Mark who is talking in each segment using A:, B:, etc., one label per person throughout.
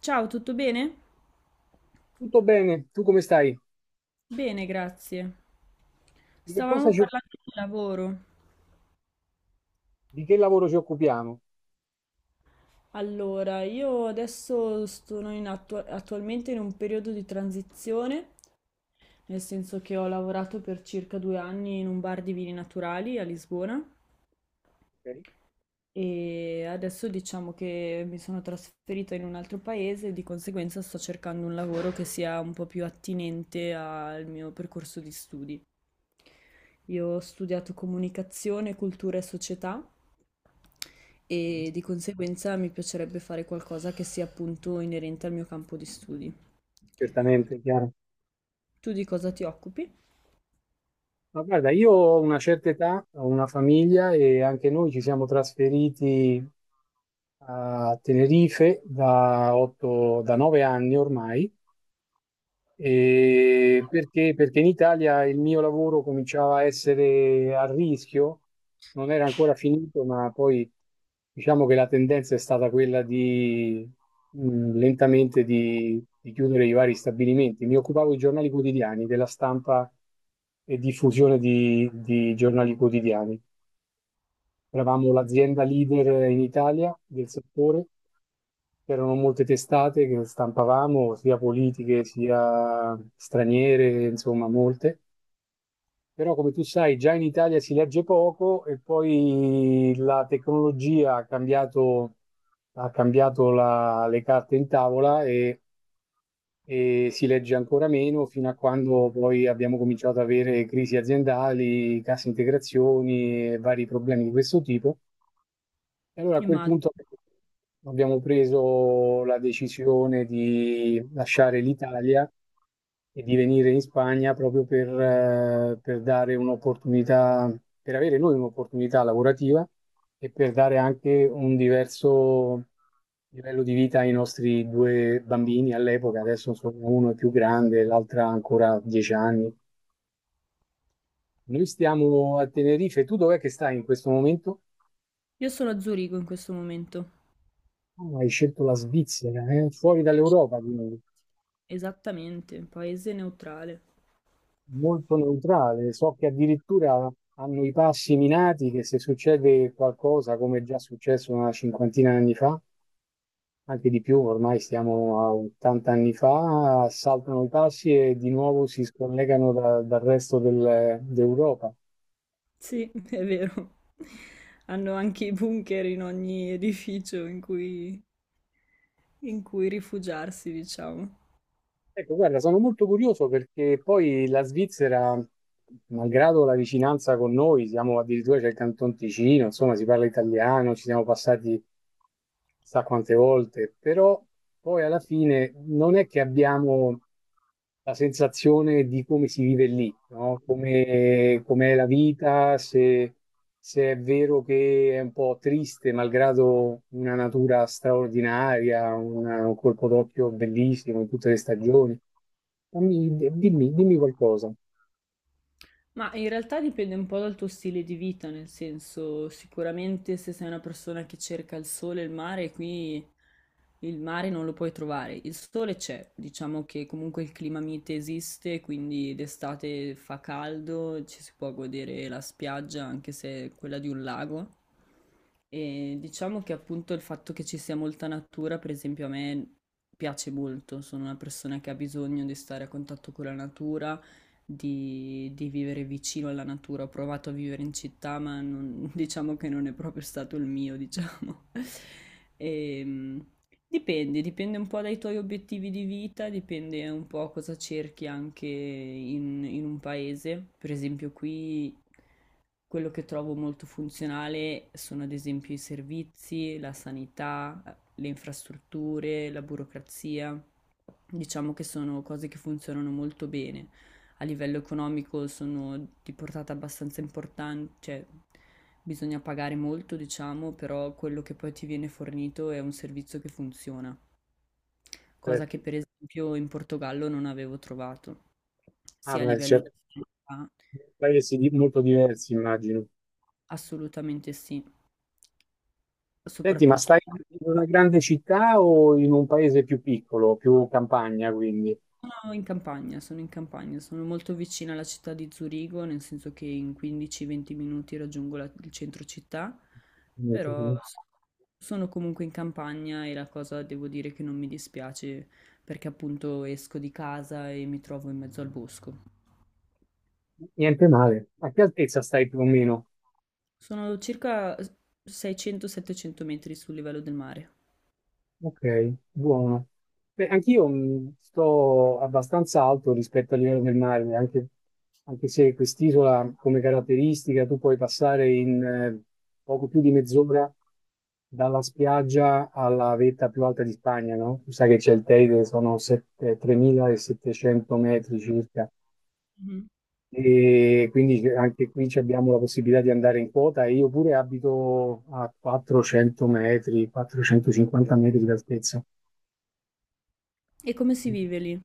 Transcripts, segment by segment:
A: Ciao, tutto bene?
B: Tutto bene, tu come stai?
A: Bene, grazie.
B: Di che cosa
A: Stavamo
B: ci,
A: parlando di lavoro.
B: di che lavoro ci occupiamo?
A: Allora, io adesso sono in attualmente in un periodo di transizione, nel senso che ho lavorato per circa 2 anni in un bar di vini naturali a Lisbona
B: Ok.
A: e adesso diciamo che mi sono trasferita in un altro paese e di conseguenza sto cercando un lavoro che sia un po' più attinente al mio percorso di studi. Io ho studiato comunicazione, cultura e società
B: Mm,
A: e di conseguenza mi piacerebbe fare qualcosa che sia appunto inerente al mio campo di studi.
B: certamente, chiaro.
A: Tu di cosa ti occupi?
B: Ma guarda, io ho una certa età, ho una famiglia e anche noi ci siamo trasferiti a Tenerife da 8, da 9 anni ormai. E perché? Perché in Italia il mio lavoro cominciava a essere a rischio, non era ancora finito, ma poi diciamo che la tendenza è stata quella di lentamente di chiudere i vari stabilimenti. Mi occupavo di giornali quotidiani, della stampa e diffusione di giornali quotidiani. Eravamo l'azienda leader in Italia del settore. C'erano molte testate che stampavamo, sia politiche sia straniere, insomma, molte. Però, come tu sai, già in Italia si legge poco e poi la tecnologia ha cambiato le carte in tavola e si legge ancora meno fino a quando poi abbiamo cominciato ad avere crisi aziendali, casse integrazioni e vari problemi di questo tipo. E allora a quel
A: Immagino.
B: punto abbiamo preso la decisione di lasciare l'Italia e di venire in Spagna proprio per dare un'opportunità, per avere noi un'opportunità lavorativa e per dare anche un diverso livello di vita ai nostri due bambini all'epoca, adesso sono uno è più grande, l'altra ancora 10 anni. Noi stiamo a Tenerife, tu dov'è che stai in questo momento?
A: Io sono a Zurigo in questo momento.
B: Ah, hai scelto la Svizzera, eh? Fuori dall'Europa, quindi
A: Esattamente, un paese neutrale.
B: molto neutrale. So che addirittura hanno i passi minati che se succede qualcosa, come è già successo una cinquantina di anni fa, anche di più, ormai stiamo a 80 anni fa, saltano i passi e di nuovo si scollegano dal d'Europa.
A: Sì, è vero. Hanno anche i bunker in ogni edificio in cui rifugiarsi, diciamo.
B: Ecco, guarda, sono molto curioso perché poi la Svizzera, malgrado la vicinanza con noi, siamo addirittura c'è il Canton Ticino, insomma, si parla italiano, ci siamo passati sa quante volte, però poi alla fine non è che abbiamo la sensazione di come si vive lì, no? Com'è la vita, se è vero che è un po' triste, malgrado una natura straordinaria, un colpo d'occhio bellissimo in tutte le stagioni. Dimmi qualcosa.
A: Ma in realtà dipende un po' dal tuo stile di vita, nel senso, sicuramente se sei una persona che cerca il sole e il mare, qui il mare non lo puoi trovare. Il sole c'è, diciamo che comunque il clima mite esiste, quindi d'estate fa caldo, ci si può godere la spiaggia, anche se è quella di un lago. E diciamo che appunto il fatto che ci sia molta natura, per esempio, a me piace molto. Sono una persona che ha bisogno di stare a contatto con la natura di vivere vicino alla natura. Ho provato a vivere in città, diciamo che non è proprio stato il mio, diciamo. Ehm, dipende un po' dai tuoi obiettivi di vita, dipende un po' cosa cerchi anche in un paese. Per esempio, qui quello che trovo molto funzionale sono ad esempio i servizi, la sanità, le infrastrutture, la burocrazia. Diciamo che sono cose che funzionano molto bene a livello economico sono di portata abbastanza importante, cioè bisogna pagare molto, diciamo, però quello che poi ti viene fornito è un servizio che funziona, cosa
B: Certo.
A: che per esempio in Portogallo non avevo trovato,
B: Ah,
A: sia a
B: beh,
A: livello
B: certo.
A: di sanità,
B: Molto diversi, immagino.
A: assolutamente sì,
B: Senti, ma
A: soprattutto.
B: stai in una grande città o in un paese più piccolo, più campagna, quindi?
A: No, in campagna, sono molto vicina alla città di Zurigo, nel senso che in 15-20 minuti raggiungo il centro città,
B: Niente
A: però sono comunque in campagna e la cosa devo dire che non mi dispiace perché appunto esco di casa e mi trovo in mezzo al bosco.
B: Niente male. A che altezza stai più o meno?
A: Sono circa 600-700 metri sul livello del mare.
B: Ok, buono. Beh, anch'io sto abbastanza alto rispetto al livello del mare, anche, anche se quest'isola come caratteristica tu puoi passare in poco più di mezz'ora dalla spiaggia alla vetta più alta di Spagna, no? Tu sai che c'è il Teide, sono 3.700 metri circa.
A: Mhm.
B: E quindi anche qui ci abbiamo la possibilità di andare in quota. E Io pure abito a 400 metri, 450 metri di altezza.
A: E come si vive lì?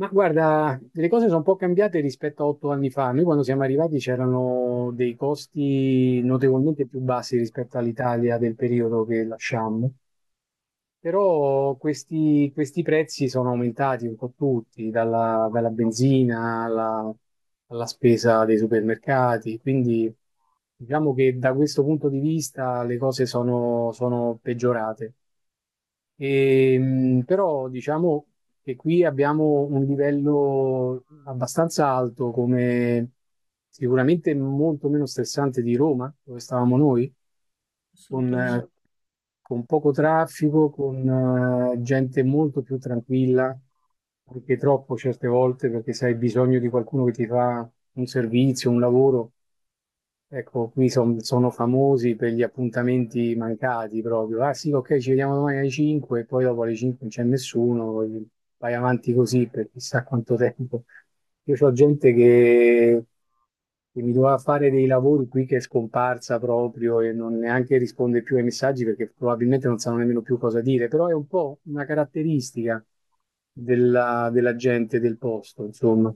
B: Ma guarda, le cose sono un po' cambiate rispetto a 8 anni fa. Noi quando siamo arrivati c'erano dei costi notevolmente più bassi rispetto all'Italia del periodo che lasciammo, però questi prezzi sono aumentati un po' tutti, dalla benzina alla spesa dei supermercati, quindi diciamo che da questo punto di vista le cose sono peggiorate. Però diciamo che qui abbiamo un livello abbastanza alto, come sicuramente molto meno stressante di Roma, dove stavamo noi, con,
A: Assolutamente,
B: eh, con poco traffico, con gente molto più tranquilla, anche troppo certe volte, perché se hai bisogno di qualcuno che ti fa un servizio, un lavoro. Ecco, qui sono famosi per gli appuntamenti mancati proprio. Ah sì, ok, ci vediamo domani alle 5 e poi dopo alle 5 non c'è nessuno, poi vai avanti così per chissà quanto tempo. Io ho gente che mi doveva fare dei lavori qui che è scomparsa proprio e non neanche risponde più ai messaggi perché probabilmente non sanno nemmeno più cosa dire, però è un po' una caratteristica della gente del posto, insomma.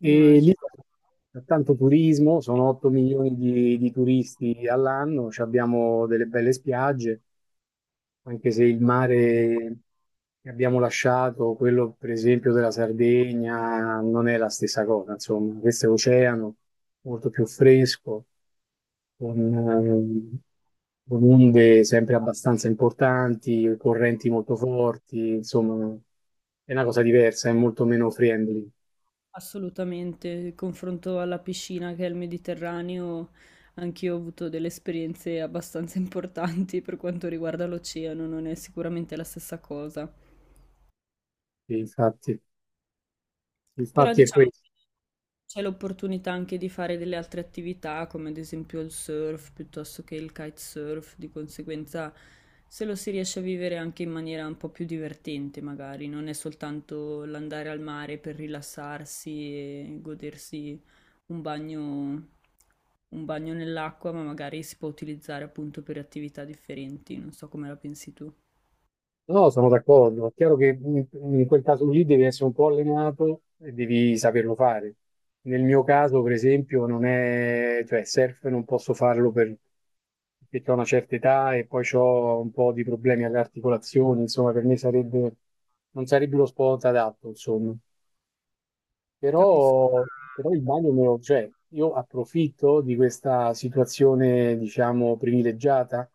B: E lì
A: immagino.
B: c'è tanto turismo, sono 8 milioni di turisti all'anno, ci abbiamo delle belle spiagge, anche se il mare che abbiamo lasciato, quello per esempio della Sardegna, non è la stessa cosa, insomma, questo è oceano molto più fresco, con, ehm, con onde sempre abbastanza importanti, correnti molto forti, insomma, è una cosa diversa, è molto meno friendly,
A: Assolutamente, il confronto alla piscina che è il Mediterraneo, anch'io ho avuto delle esperienze abbastanza importanti per quanto riguarda l'oceano, non è sicuramente la stessa cosa.
B: infatti.
A: Però
B: Infatti è
A: diciamo
B: questo.
A: c'è l'opportunità anche di fare delle altre attività, come ad esempio il surf piuttosto che il kitesurf, di conseguenza se lo si riesce a vivere anche in maniera un po' più divertente, magari, non è soltanto l'andare al mare per rilassarsi e godersi un bagno, un bagno nell'acqua, ma magari si può utilizzare appunto per attività differenti, non so come la pensi tu.
B: No, sono d'accordo. È chiaro che in quel caso lì devi essere un po' allenato e devi saperlo fare. Nel mio caso, per esempio, non è, cioè, surf non posso farlo perché ho una certa età e poi ho un po' di problemi alle articolazioni, insomma, per me sarebbe, non sarebbe lo sport adatto, insomma.
A: Capisco,
B: Però, però il bagno me lo, cioè, io approfitto di questa situazione, diciamo, privilegiata.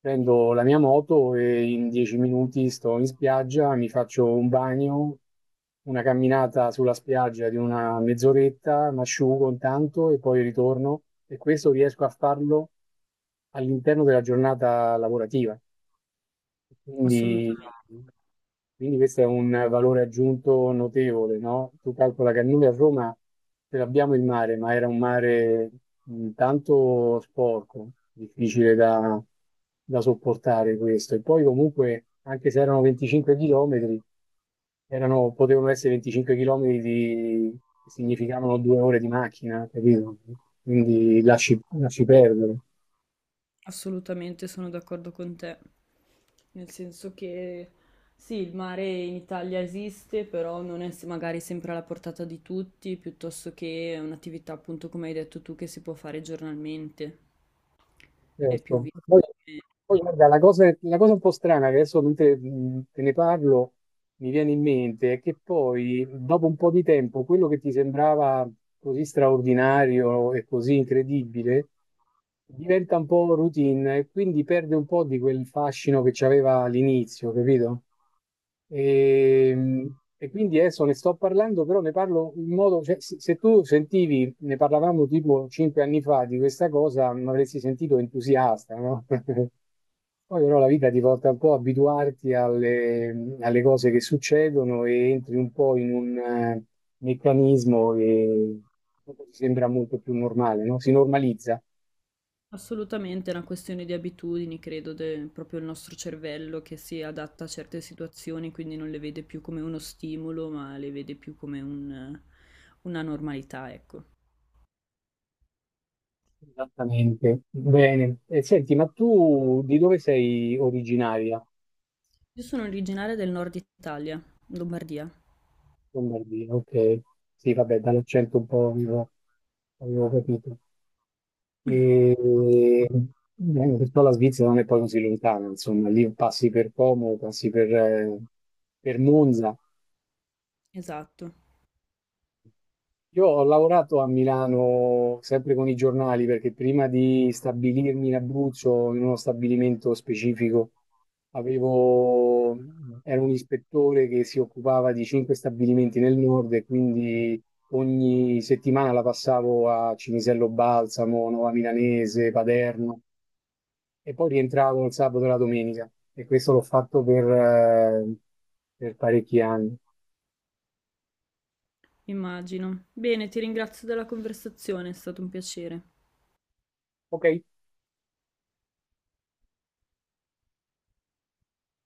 B: Prendo la mia moto e in 10 minuti sto in spiaggia, mi faccio un bagno, una camminata sulla spiaggia di una mezz'oretta, mi asciugo intanto e poi ritorno. E questo riesco a farlo all'interno della giornata lavorativa.
A: assolutamente.
B: Quindi, quindi questo è un valore aggiunto notevole, no? Tu calcola che noi a Roma ce l'abbiamo il mare, ma era un mare tanto sporco, difficile da sopportare questo. E poi comunque, anche se erano 25 chilometri, erano, potevano essere 25 chilometri di, che significavano 2 ore di macchina, capito? Quindi lasci perdere.
A: Assolutamente sono d'accordo con te, nel senso che sì, il mare in Italia esiste, però non è magari sempre alla portata di tutti, piuttosto che è un'attività appunto come hai detto tu che si può fare giornalmente, è più
B: Certo.
A: vista. come-
B: Poi, guarda, la cosa un po' strana che adesso mentre te ne parlo mi viene in mente è che poi, dopo un po' di tempo, quello che ti sembrava così straordinario e così incredibile diventa un po' routine e quindi perde un po' di quel fascino che c'aveva all'inizio, capito? E, e quindi adesso ne sto parlando, però ne parlo in modo, cioè, se tu sentivi, ne parlavamo tipo 5 anni fa di questa cosa, mi avresti sentito entusiasta, no? Poi però la vita ti porta un po' a abituarti alle cose che succedono e entri un po' in un meccanismo che dopo ti sembra molto più normale, no? Si normalizza.
A: Assolutamente è una questione di abitudini, credo, proprio il nostro cervello che si adatta a certe situazioni, quindi non le vede più come uno stimolo, ma le vede più come una normalità, ecco.
B: Esattamente. Bene. E senti, ma tu di dove sei originaria?
A: Io sono originaria del nord Italia, Lombardia.
B: Lombardia, ok. Sì, vabbè, dall'accento un po' avevo, avevo capito. E Perciò la Svizzera non è poi così lontana, insomma, lì passi per Como, passi per Monza.
A: Esatto,
B: Io ho lavorato a Milano sempre con i giornali perché prima di stabilirmi in Abruzzo, in uno stabilimento specifico, avevo, ero un ispettore che si occupava di 5 stabilimenti nel nord e quindi ogni settimana la passavo a Cinisello Balsamo, Nuova Milanese, Paderno e poi rientravo il sabato e la domenica e questo l'ho fatto per parecchi anni.
A: immagino. Bene, ti ringrazio della conversazione, è stato un piacere.
B: Ok.